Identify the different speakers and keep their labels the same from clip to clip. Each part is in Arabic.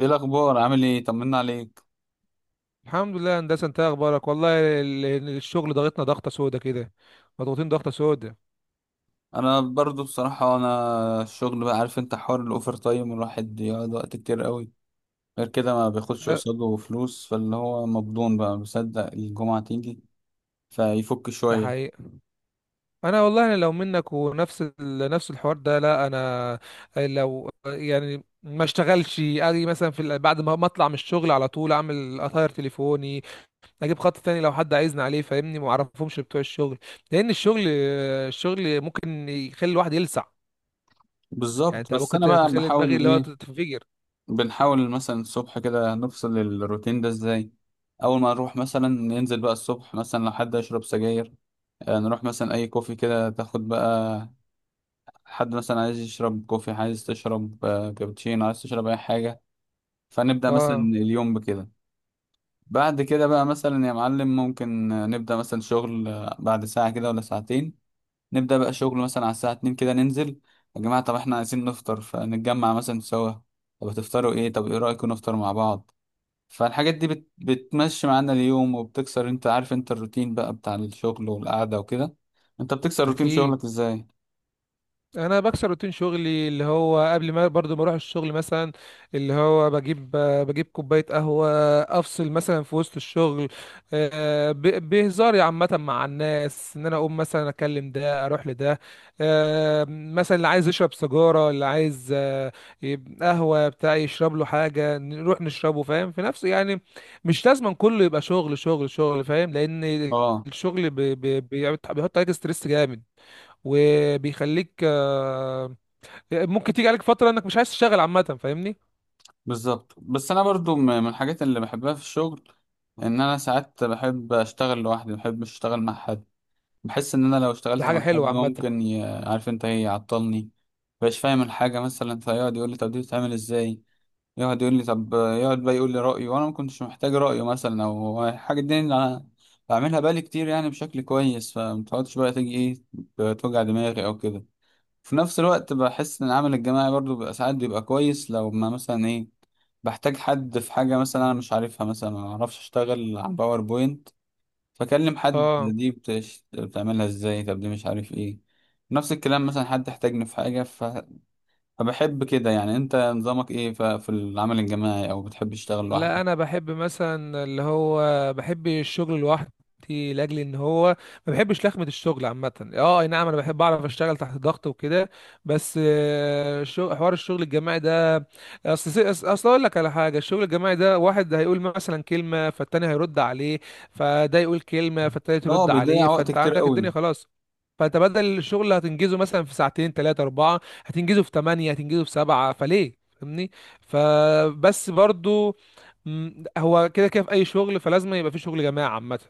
Speaker 1: ايه الاخبار، عامل ايه؟ طمنا عليك.
Speaker 2: الحمد لله يا هندسه. انت إيه اخبارك؟ والله الشغل ضغطنا ضغطه سودا كده. مضغوطين ضغطه سودا.
Speaker 1: انا برضو بصراحه انا الشغل بقى، عارف انت، حوار الاوفر تايم الواحد يقعد وقت كتير قوي. غير كده ما بياخدش
Speaker 2: لا،
Speaker 1: قصاده فلوس، فاللي هو مبدون بقى بيصدق الجمعه تيجي فيفك
Speaker 2: ده
Speaker 1: شويه.
Speaker 2: حقيقي. انا والله، انا لو منك ونفس نفس الحوار ده، لا انا لو يعني ما اشتغلش، اجي مثلا في بعد ما اطلع من الشغل على طول اعمل اطاير تليفوني. اجيب خط تاني لو حد عايزني عليه، فاهمني؟ ما اعرفهمش بتوع الشغل، لان الشغل، الشغل ممكن يخلي الواحد يلسع. يعني
Speaker 1: بالظبط،
Speaker 2: انت
Speaker 1: بس
Speaker 2: ممكن
Speaker 1: انا بقى
Speaker 2: تخلي دماغي
Speaker 1: بحاول
Speaker 2: اللي هو
Speaker 1: ايه،
Speaker 2: تنفجر.
Speaker 1: بنحاول مثلا الصبح كده نفصل الروتين ده ازاي. اول ما نروح مثلا ننزل بقى الصبح، مثلا لو حد يشرب سجاير، نروح مثلا اي كوفي كده تاخد بقى. حد مثلا عايز يشرب كوفي، عايز تشرب كابتشينو، عايز تشرب اي حاجه. فنبدا مثلا
Speaker 2: اه،
Speaker 1: اليوم بكده. بعد كده بقى مثلا يا معلم، ممكن نبدا مثلا شغل بعد ساعه كده ولا ساعتين. نبدا بقى شغل مثلا على الساعه 2 كده ننزل: يا جماعه طب احنا عايزين نفطر، فنتجمع مثلا سوا. طب هتفطروا ايه؟ طب ايه رايكم نفطر مع بعض؟ فالحاجات دي بتمشي معانا اليوم وبتكسر، انت عارف انت، الروتين بقى بتاع الشغل والقعده وكده. انت بتكسر روتين
Speaker 2: اكيد.
Speaker 1: شغلك ازاي؟
Speaker 2: انا بكسر روتين شغلي اللي هو قبل ما برضو ما اروح الشغل مثلا، اللي هو بجيب كوبايه قهوه. افصل مثلا في وسط الشغل. بهزاري عامه مع الناس ان انا اقوم مثلا اكلم ده اروح لده. مثلا اللي عايز يشرب سيجاره، اللي عايز قهوه بتاع، يشرب له حاجه نروح نشربه، فاهم؟ في نفسه يعني. مش لازم كله يبقى شغل شغل شغل، فاهم؟ لان
Speaker 1: اه.
Speaker 2: الشغل بيحط عليك ستريس جامد. وبيخليك ممكن تيجي عليك فترة انك مش عايز تشتغل عامة، فاهمني؟
Speaker 1: بالظبط. بس انا برضو من الحاجات اللي بحبها في الشغل ان انا ساعات بحب اشتغل لوحدي، ما بحبش اشتغل مع حد. بحس ان انا لو
Speaker 2: دي
Speaker 1: اشتغلت
Speaker 2: حاجة
Speaker 1: مع
Speaker 2: حلوة
Speaker 1: حد
Speaker 2: عامة.
Speaker 1: ممكن عارف انت ايه، يعطلني. مبقاش فاهم الحاجه مثلا، فيقعد يقول لي طب دي بتتعمل ازاي، يقعد يقول لي طب، يقعد بقى يقول لي رايه، وانا ما كنتش محتاج رايه، مثلا او الحاجه دي اللي انا بعملها بالي كتير، يعني بشكل كويس. فمتقعدش بقى تيجي ايه، توجع دماغي او كده. في نفس الوقت بحس ان العمل الجماعي برضو بيبقى ساعات بيبقى كويس، لو ما مثلا ايه، بحتاج حد في حاجة مثلا انا مش عارفها، مثلا ما اعرفش اشتغل على باوربوينت، فاكلم حد
Speaker 2: اه.
Speaker 1: دي بتعملها ازاي، طب دي مش عارف ايه. نفس الكلام مثلا حد احتاجني في حاجة فبحب كده. يعني انت نظامك ايه في العمل الجماعي او بتحب تشتغل
Speaker 2: لا
Speaker 1: لوحدك؟
Speaker 2: انا بحب مثلا اللي هو، بحب الشغل لوحدي، لاجل ان هو ما بحبش لخمه الشغل عامه. اه اي نعم، انا بحب اعرف اشتغل تحت ضغط وكده. بس حوار الشغل الجماعي ده، اصل اقول لك على حاجه، الشغل الجماعي ده واحد هيقول مثلا كلمه فالتاني هيرد عليه، فده يقول كلمه فالتالت
Speaker 1: اه،
Speaker 2: يرد
Speaker 1: بيضيع
Speaker 2: عليه،
Speaker 1: وقت
Speaker 2: فانت
Speaker 1: كتير
Speaker 2: عندك الدنيا
Speaker 1: قوي.
Speaker 2: خلاص. فانت بدل الشغل اللي هتنجزه مثلا في ساعتين تلاتة أربعة، هتنجزه في تمانية، هتنجزه في سبعة، فليه؟ فاهمني؟ فبس برضو، هو كده كده في اي شغل، فلازم يبقى في شغل جماعي عامه.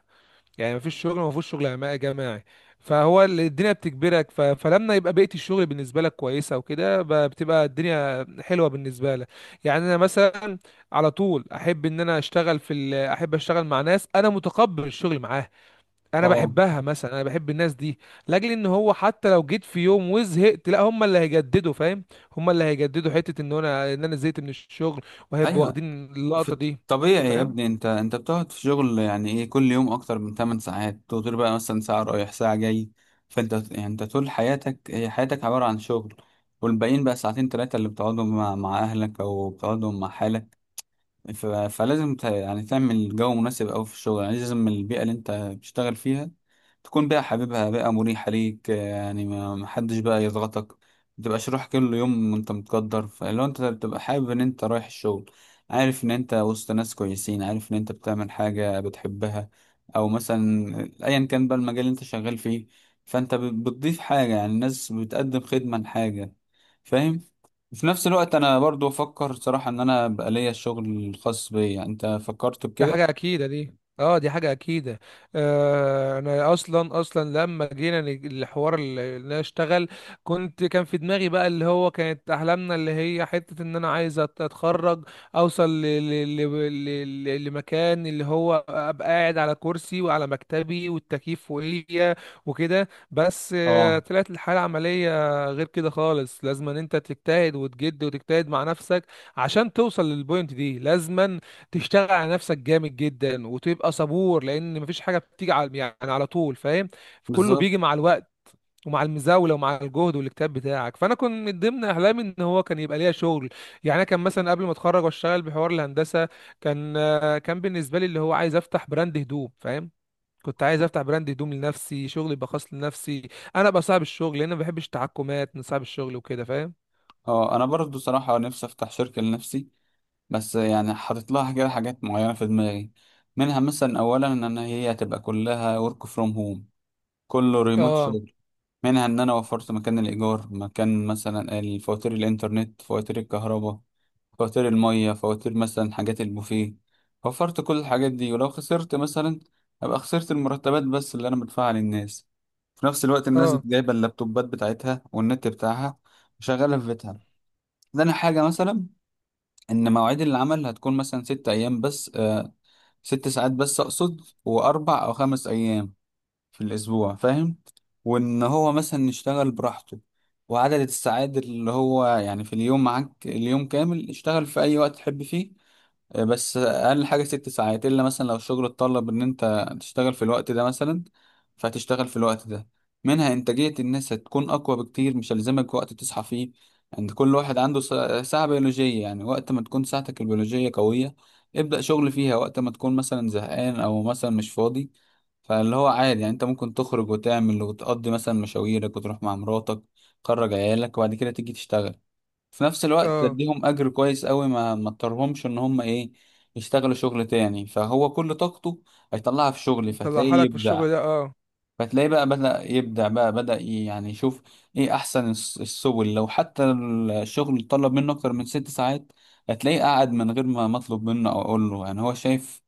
Speaker 2: يعني مفيش شغل ما فيهوش شغل جماعي. فهو اللي الدنيا بتجبرك. ف... فلما يبقى بيئه الشغل بالنسبه لك كويسه وكده، بتبقى الدنيا حلوه بالنسبه لك. يعني انا مثلا على طول احب ان انا اشتغل في ال، احب اشتغل مع ناس انا متقبل الشغل معاها. انا
Speaker 1: اه.
Speaker 2: بحبها مثلا، انا بحب الناس دي، لاجل ان هو حتى لو جيت في يوم وزهقت، لا هم اللي هيجددوا، فاهم؟ هم اللي هيجددوا حته ان انا، ان انا زهقت من الشغل. وهيبقوا
Speaker 1: ايوه،
Speaker 2: واخدين
Speaker 1: في
Speaker 2: اللقطه دي،
Speaker 1: الطبيعي يا
Speaker 2: فاهم؟
Speaker 1: ابني، انت بتقعد في شغل يعني ايه كل يوم اكتر من 8 ساعات، تقدر بقى مثلا ساعة رايح ساعة جاي. فانت يعني انت طول حياتك هي حياتك عبارة عن شغل. والباقيين بقى ساعتين تلاتة اللي بتقعدهم مع اهلك او بتقعدهم مع حالك. فلازم يعني تعمل جو مناسب أوي في الشغل، يعني لازم البيئة اللي أنت بتشتغل فيها تكون بيئة حبيبها، بيئة مريحة ليك، يعني ما حدش بقى يضغطك. متبقاش رايح كل يوم وأنت متقدر، فلو أنت بتبقى حابب إن أنت رايح الشغل، عارف إن أنت وسط ناس كويسين، عارف إن أنت بتعمل حاجة بتحبها، أو مثلا أيا كان بقى المجال اللي أنت شغال فيه، فأنت بتضيف حاجة، يعني الناس بتقدم خدمة لحاجة فاهم. في نفس الوقت انا برضو افكر صراحة ان انا بقى ليا الشغل الخاص بيا، انت فكرت
Speaker 2: ده
Speaker 1: بكده؟
Speaker 2: حاجة أكيدة دي، اه دي حاجة أكيدة. آه أنا أصلا لما جينا الحوار اللي أنا أشتغل، كنت كان في دماغي بقى اللي هو كانت أحلامنا اللي هي حتة إن أنا عايز أتخرج، أوصل لمكان اللي هو أبقى قاعد على كرسي وعلى مكتبي والتكييف فوقيا وكده. بس آه
Speaker 1: اه.
Speaker 2: طلعت الحالة العملية غير كده خالص. لازم إن أنت تجتهد وتجد وتجتهد مع نفسك عشان توصل للبوينت دي. لازما تشتغل على نفسك جامد جدا وتبقى صبور، لان مفيش حاجه بتيجي على يعني على طول، فاهم؟ فكله
Speaker 1: بالظبط.
Speaker 2: بيجي مع الوقت، ومع المزاوله ومع الجهد والاجتهاد بتاعك. فانا كنت من ضمن احلامي ان هو كان يبقى ليا شغل. يعني انا كان مثلا قبل ما اتخرج واشتغل بحوار الهندسه، كان كان بالنسبه لي اللي هو عايز افتح براند هدوم، فاهم؟ كنت عايز افتح براند هدوم لنفسي، شغل يبقى خاص لنفسي، انا ابقى صاحب الشغل، لان ما بحبش التحكمات من صاحب الشغل وكده، فاهم؟
Speaker 1: اه، انا برضو صراحة نفسي افتح شركة لنفسي، بس يعني حاطط لها كده حاجات معينة في دماغي. منها مثلا اولا ان أنا هي هتبقى كلها work from home، كله ريموت.
Speaker 2: اه.
Speaker 1: منها ان انا وفرت مكان الايجار، مكان مثلا الفواتير، الانترنت، فواتير الكهرباء، فواتير المية، فواتير مثلا حاجات البوفيه، وفرت كل الحاجات دي. ولو خسرت مثلا، ابقى خسرت المرتبات بس اللي انا بدفعها للناس. في نفس الوقت الناس
Speaker 2: اه.
Speaker 1: جايبه اللابتوبات بتاعتها والنت بتاعها وشغاله في بيتها. ده انا حاجه مثلا ان مواعيد العمل هتكون مثلا 6 ايام بس ست ساعات بس اقصد، واربع او خمس ايام في الأسبوع فاهم. وإن هو مثلا يشتغل براحته، وعدد الساعات اللي هو يعني في اليوم معاك، اليوم كامل، اشتغل في أي وقت تحب فيه. بس اقل حاجه 6 ساعات، الا مثلا لو الشغل اتطلب ان انت تشتغل في الوقت ده مثلا، فهتشتغل في الوقت ده. منها انتاجيه الناس هتكون اقوى بكتير، مش هلزمك وقت تصحى فيه. عند كل واحد عنده ساعه بيولوجيه، يعني وقت ما تكون ساعتك البيولوجيه قويه ابدا شغل فيها، وقت ما تكون مثلا زهقان او مثلا مش فاضي، فاللي هو عادي، يعني انت ممكن تخرج وتعمل وتقضي مثلا مشاويرك وتروح مع مراتك، تخرج عيالك، وبعد كده تيجي تشتغل. في نفس الوقت
Speaker 2: اه
Speaker 1: تديهم اجر كويس قوي، ما اضطرهمش ان هم ايه، يشتغلوا شغل تاني. فهو كل طاقته هيطلعها في شغل
Speaker 2: طلعها
Speaker 1: فتلاقيه
Speaker 2: لك في
Speaker 1: يبدع.
Speaker 2: الشغل ده اه.
Speaker 1: فتلاقيه بقى بدأ يبدع، بقى بدأ يعني يشوف ايه احسن السبل. لو حتى الشغل طلب منه اكتر من 6 ساعات، هتلاقيه قاعد من غير ما مطلوب منه او اقول له، يعني هو شايف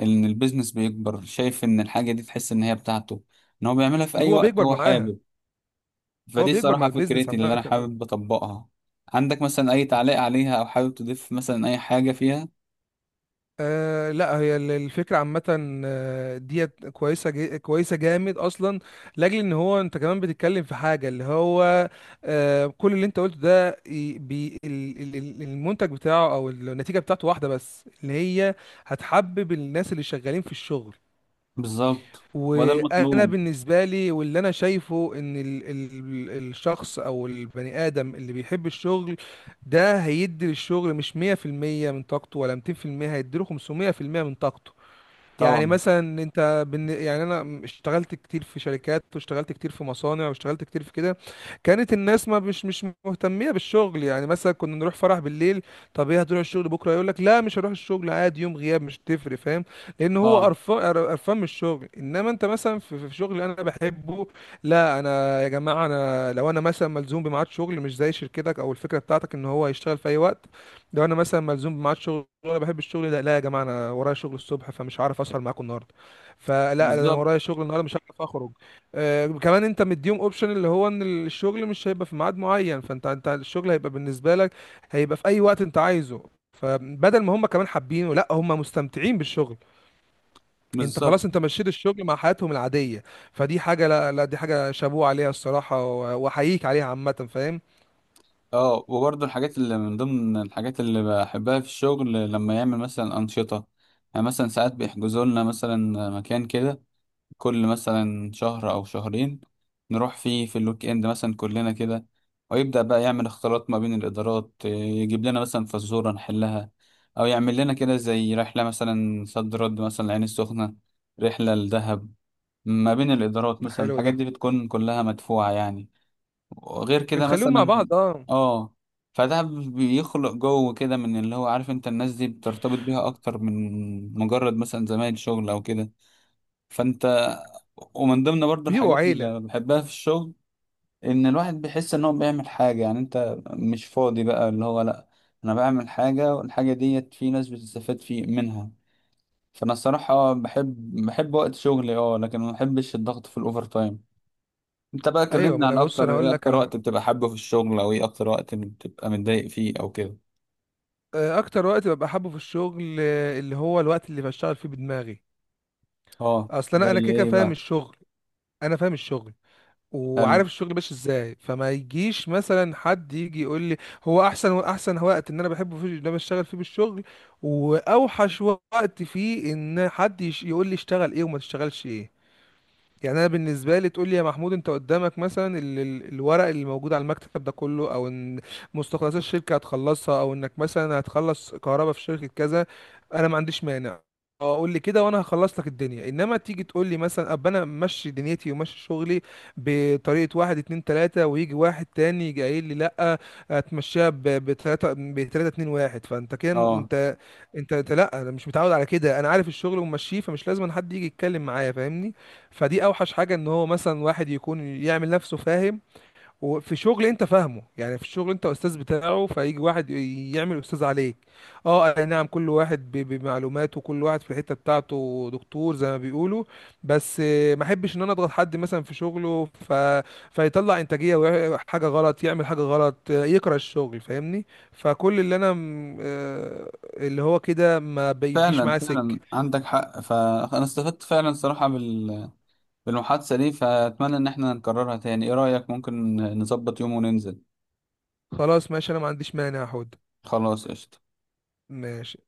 Speaker 1: ان البيزنس بيكبر، شايف ان الحاجة دي تحس ان هي بتاعته، ان هو بيعملها في اي
Speaker 2: هو
Speaker 1: وقت
Speaker 2: بيكبر
Speaker 1: هو
Speaker 2: معاها.
Speaker 1: حابب.
Speaker 2: هو
Speaker 1: فدي
Speaker 2: بيكبر مع
Speaker 1: الصراحة
Speaker 2: البيزنس
Speaker 1: فكرتي اللي
Speaker 2: عامة
Speaker 1: أنا
Speaker 2: آه.
Speaker 1: حابب أطبقها. عندك مثلا أي تعليق عليها أو حابب تضيف مثلا أي حاجة فيها؟
Speaker 2: آه لا هي الفكرة عامة آه، ديت كويسة جي كويسة جامد أصلا، لأجل إن هو أنت كمان بتتكلم في حاجة اللي هو، آه كل اللي أنت قلته ده ي- بي ال- ال- ال- المنتج بتاعه أو النتيجة بتاعته واحدة، بس اللي هي هتحبب الناس اللي شغالين في الشغل.
Speaker 1: بالظبط. وده
Speaker 2: وانا
Speaker 1: المطلوب.
Speaker 2: بالنسبه لي، واللي انا شايفه ان ال ال الشخص او البني ادم اللي بيحب الشغل ده هيدي للشغل مش 100% من طاقته ولا 200%، هيديله 500% من طاقته. يعني
Speaker 1: طبعا.
Speaker 2: مثلا انت يعني انا اشتغلت كتير في شركات، واشتغلت كتير في مصانع، واشتغلت كتير في كده، كانت الناس ما مش مش مهتميه بالشغل. يعني مثلا كنا نروح فرح بالليل، طب ايه هتروح الشغل بكره؟ يقول لك لا مش هروح الشغل عادي، يوم غياب مش تفرق، فاهم؟ لان هو
Speaker 1: اه.
Speaker 2: قرفان، قرفان من الشغل. انما انت مثلا في، في شغل انا بحبه، لا انا يا جماعه انا لو انا مثلا ملزوم بميعاد شغل، مش زي شركتك او الفكره بتاعتك ان هو يشتغل في اي وقت، لو انا مثلا ملزوم بميعاد شغل وانا بحب الشغل ده، لا يا جماعه انا ورايا شغل الصبح فمش هعرف اسهر معاكم النهارده، فلا ده انا ورايا
Speaker 1: بالظبط.
Speaker 2: شغل النهارده مش هعرف اخرج. آه كمان انت مديهم اوبشن اللي هو ان الشغل مش هيبقى في ميعاد معين، فانت، انت الشغل هيبقى بالنسبه لك، هيبقى في اي وقت انت عايزه. فبدل ما هم كمان حابينه، لا هم مستمتعين بالشغل. انت
Speaker 1: بالظبط.
Speaker 2: خلاص انت مشيت الشغل مع حياتهم العاديه. فدي حاجه، لا دي حاجه شابوه عليها الصراحه، واحييك عليها عامه، فاهم؟
Speaker 1: اه، وبرضه الحاجات اللي من ضمن الحاجات اللي بحبها في الشغل لما يعمل مثلا أنشطة، يعني مثلا ساعات بيحجزوا لنا مثلا مكان كده، كل مثلا شهر أو شهرين نروح فيه في الويك إند مثلا كلنا كده، ويبدأ بقى يعمل اختلاط ما بين الإدارات، إيه، يجيب لنا مثلا فزورة نحلها، أو يعمل لنا كده زي رحلة مثلا صد رد مثلا العين السخنة، رحلة لدهب ما بين الإدارات، مثلا
Speaker 2: حلو
Speaker 1: الحاجات
Speaker 2: ده.
Speaker 1: دي بتكون كلها مدفوعة يعني. وغير كده
Speaker 2: بتخليهم مع
Speaker 1: مثلا
Speaker 2: بعض اه.
Speaker 1: آه فده بيخلق جو كده من اللي هو عارف انت، الناس دي بترتبط بيها اكتر من مجرد مثلا زمايل شغل او كده. فانت، ومن ضمن برضو
Speaker 2: بيبقوا
Speaker 1: الحاجات
Speaker 2: عيله.
Speaker 1: اللي بحبها في الشغل ان الواحد بيحس ان هو بيعمل حاجة، يعني انت مش فاضي بقى اللي هو، لا انا بعمل حاجة والحاجة ديت في ناس بتستفاد في منها. فانا الصراحة بحب وقت شغلي. اه، لكن ما بحبش الضغط في الاوفر تايم. انت بقى
Speaker 2: ايوه
Speaker 1: كلمني
Speaker 2: ما
Speaker 1: عن
Speaker 2: انا بص، انا
Speaker 1: اكتر
Speaker 2: هقول لك
Speaker 1: اكتر
Speaker 2: على حاجه.
Speaker 1: وقت بتبقى حابه في الشغل، او ايه اكتر وقت بتبقى متضايق فيه او كده.
Speaker 2: اكتر وقت ببقى حابه في الشغل اللي هو الوقت اللي بشتغل فيه بدماغي.
Speaker 1: اه،
Speaker 2: اصل انا، انا
Speaker 1: زي
Speaker 2: كده كده
Speaker 1: ايه
Speaker 2: فاهم
Speaker 1: بقى؟
Speaker 2: الشغل. انا فاهم الشغل
Speaker 1: فعلا.
Speaker 2: وعارف الشغل ماشي ازاي، فما يجيش مثلا حد يجي يقول لي. هو احسن وقت ان انا بحبه فيه ان انا بشتغل فيه بالشغل، واوحش وقت فيه ان حد يقول لي اشتغل ايه وما تشتغلش ايه. يعني انا بالنسبه لي تقول لي يا محمود انت قدامك مثلا الورق اللي موجود على المكتب ده كله، او ان مستخلصات الشركه هتخلصها، او انك مثلا هتخلص كهرباء في شركه كذا، انا ما عنديش مانع. اه قول لي كده وانا هخلص لك الدنيا. انما تيجي تقول لي مثلا، اب انا ماشي دنيتي وماشي شغلي بطريقه واحد اتنين تلاته، ويجي واحد تاني يجي قايل لي لا هتمشيها بتلاته، بتلاته اتنين واحد، فانت كده
Speaker 1: اه.
Speaker 2: انت انت أنت، لا، انا مش متعود على كده، انا عارف الشغل وماشيه، فمش لازم حد يجي يتكلم معايا، فاهمني؟ فدي اوحش حاجه، ان هو مثلا واحد يكون يعمل نفسه، فاهم؟ وفي شغل انت فاهمه، يعني في شغل انت استاذ بتاعه فيجي واحد يعمل استاذ عليك. اه اي نعم، كل واحد بمعلوماته، كل واحد في الحته بتاعته دكتور زي ما بيقولوا. بس ما احبش ان انا اضغط حد مثلا في شغله، ف... فيطلع انتاجيه حاجه غلط، يعمل حاجه غلط يكره الشغل، فاهمني؟ فكل اللي انا اللي هو كده ما بيجيش
Speaker 1: فعلا،
Speaker 2: معاه سكه.
Speaker 1: فعلا عندك حق. فانا استفدت فعلا صراحة بالمحادثة دي، فأتمنى إن احنا نكررها تاني. إيه رأيك، ممكن نظبط يوم وننزل؟
Speaker 2: خلاص ماشي انا ما عنديش مانع، هاخد.
Speaker 1: خلاص قشطة.
Speaker 2: ماشي.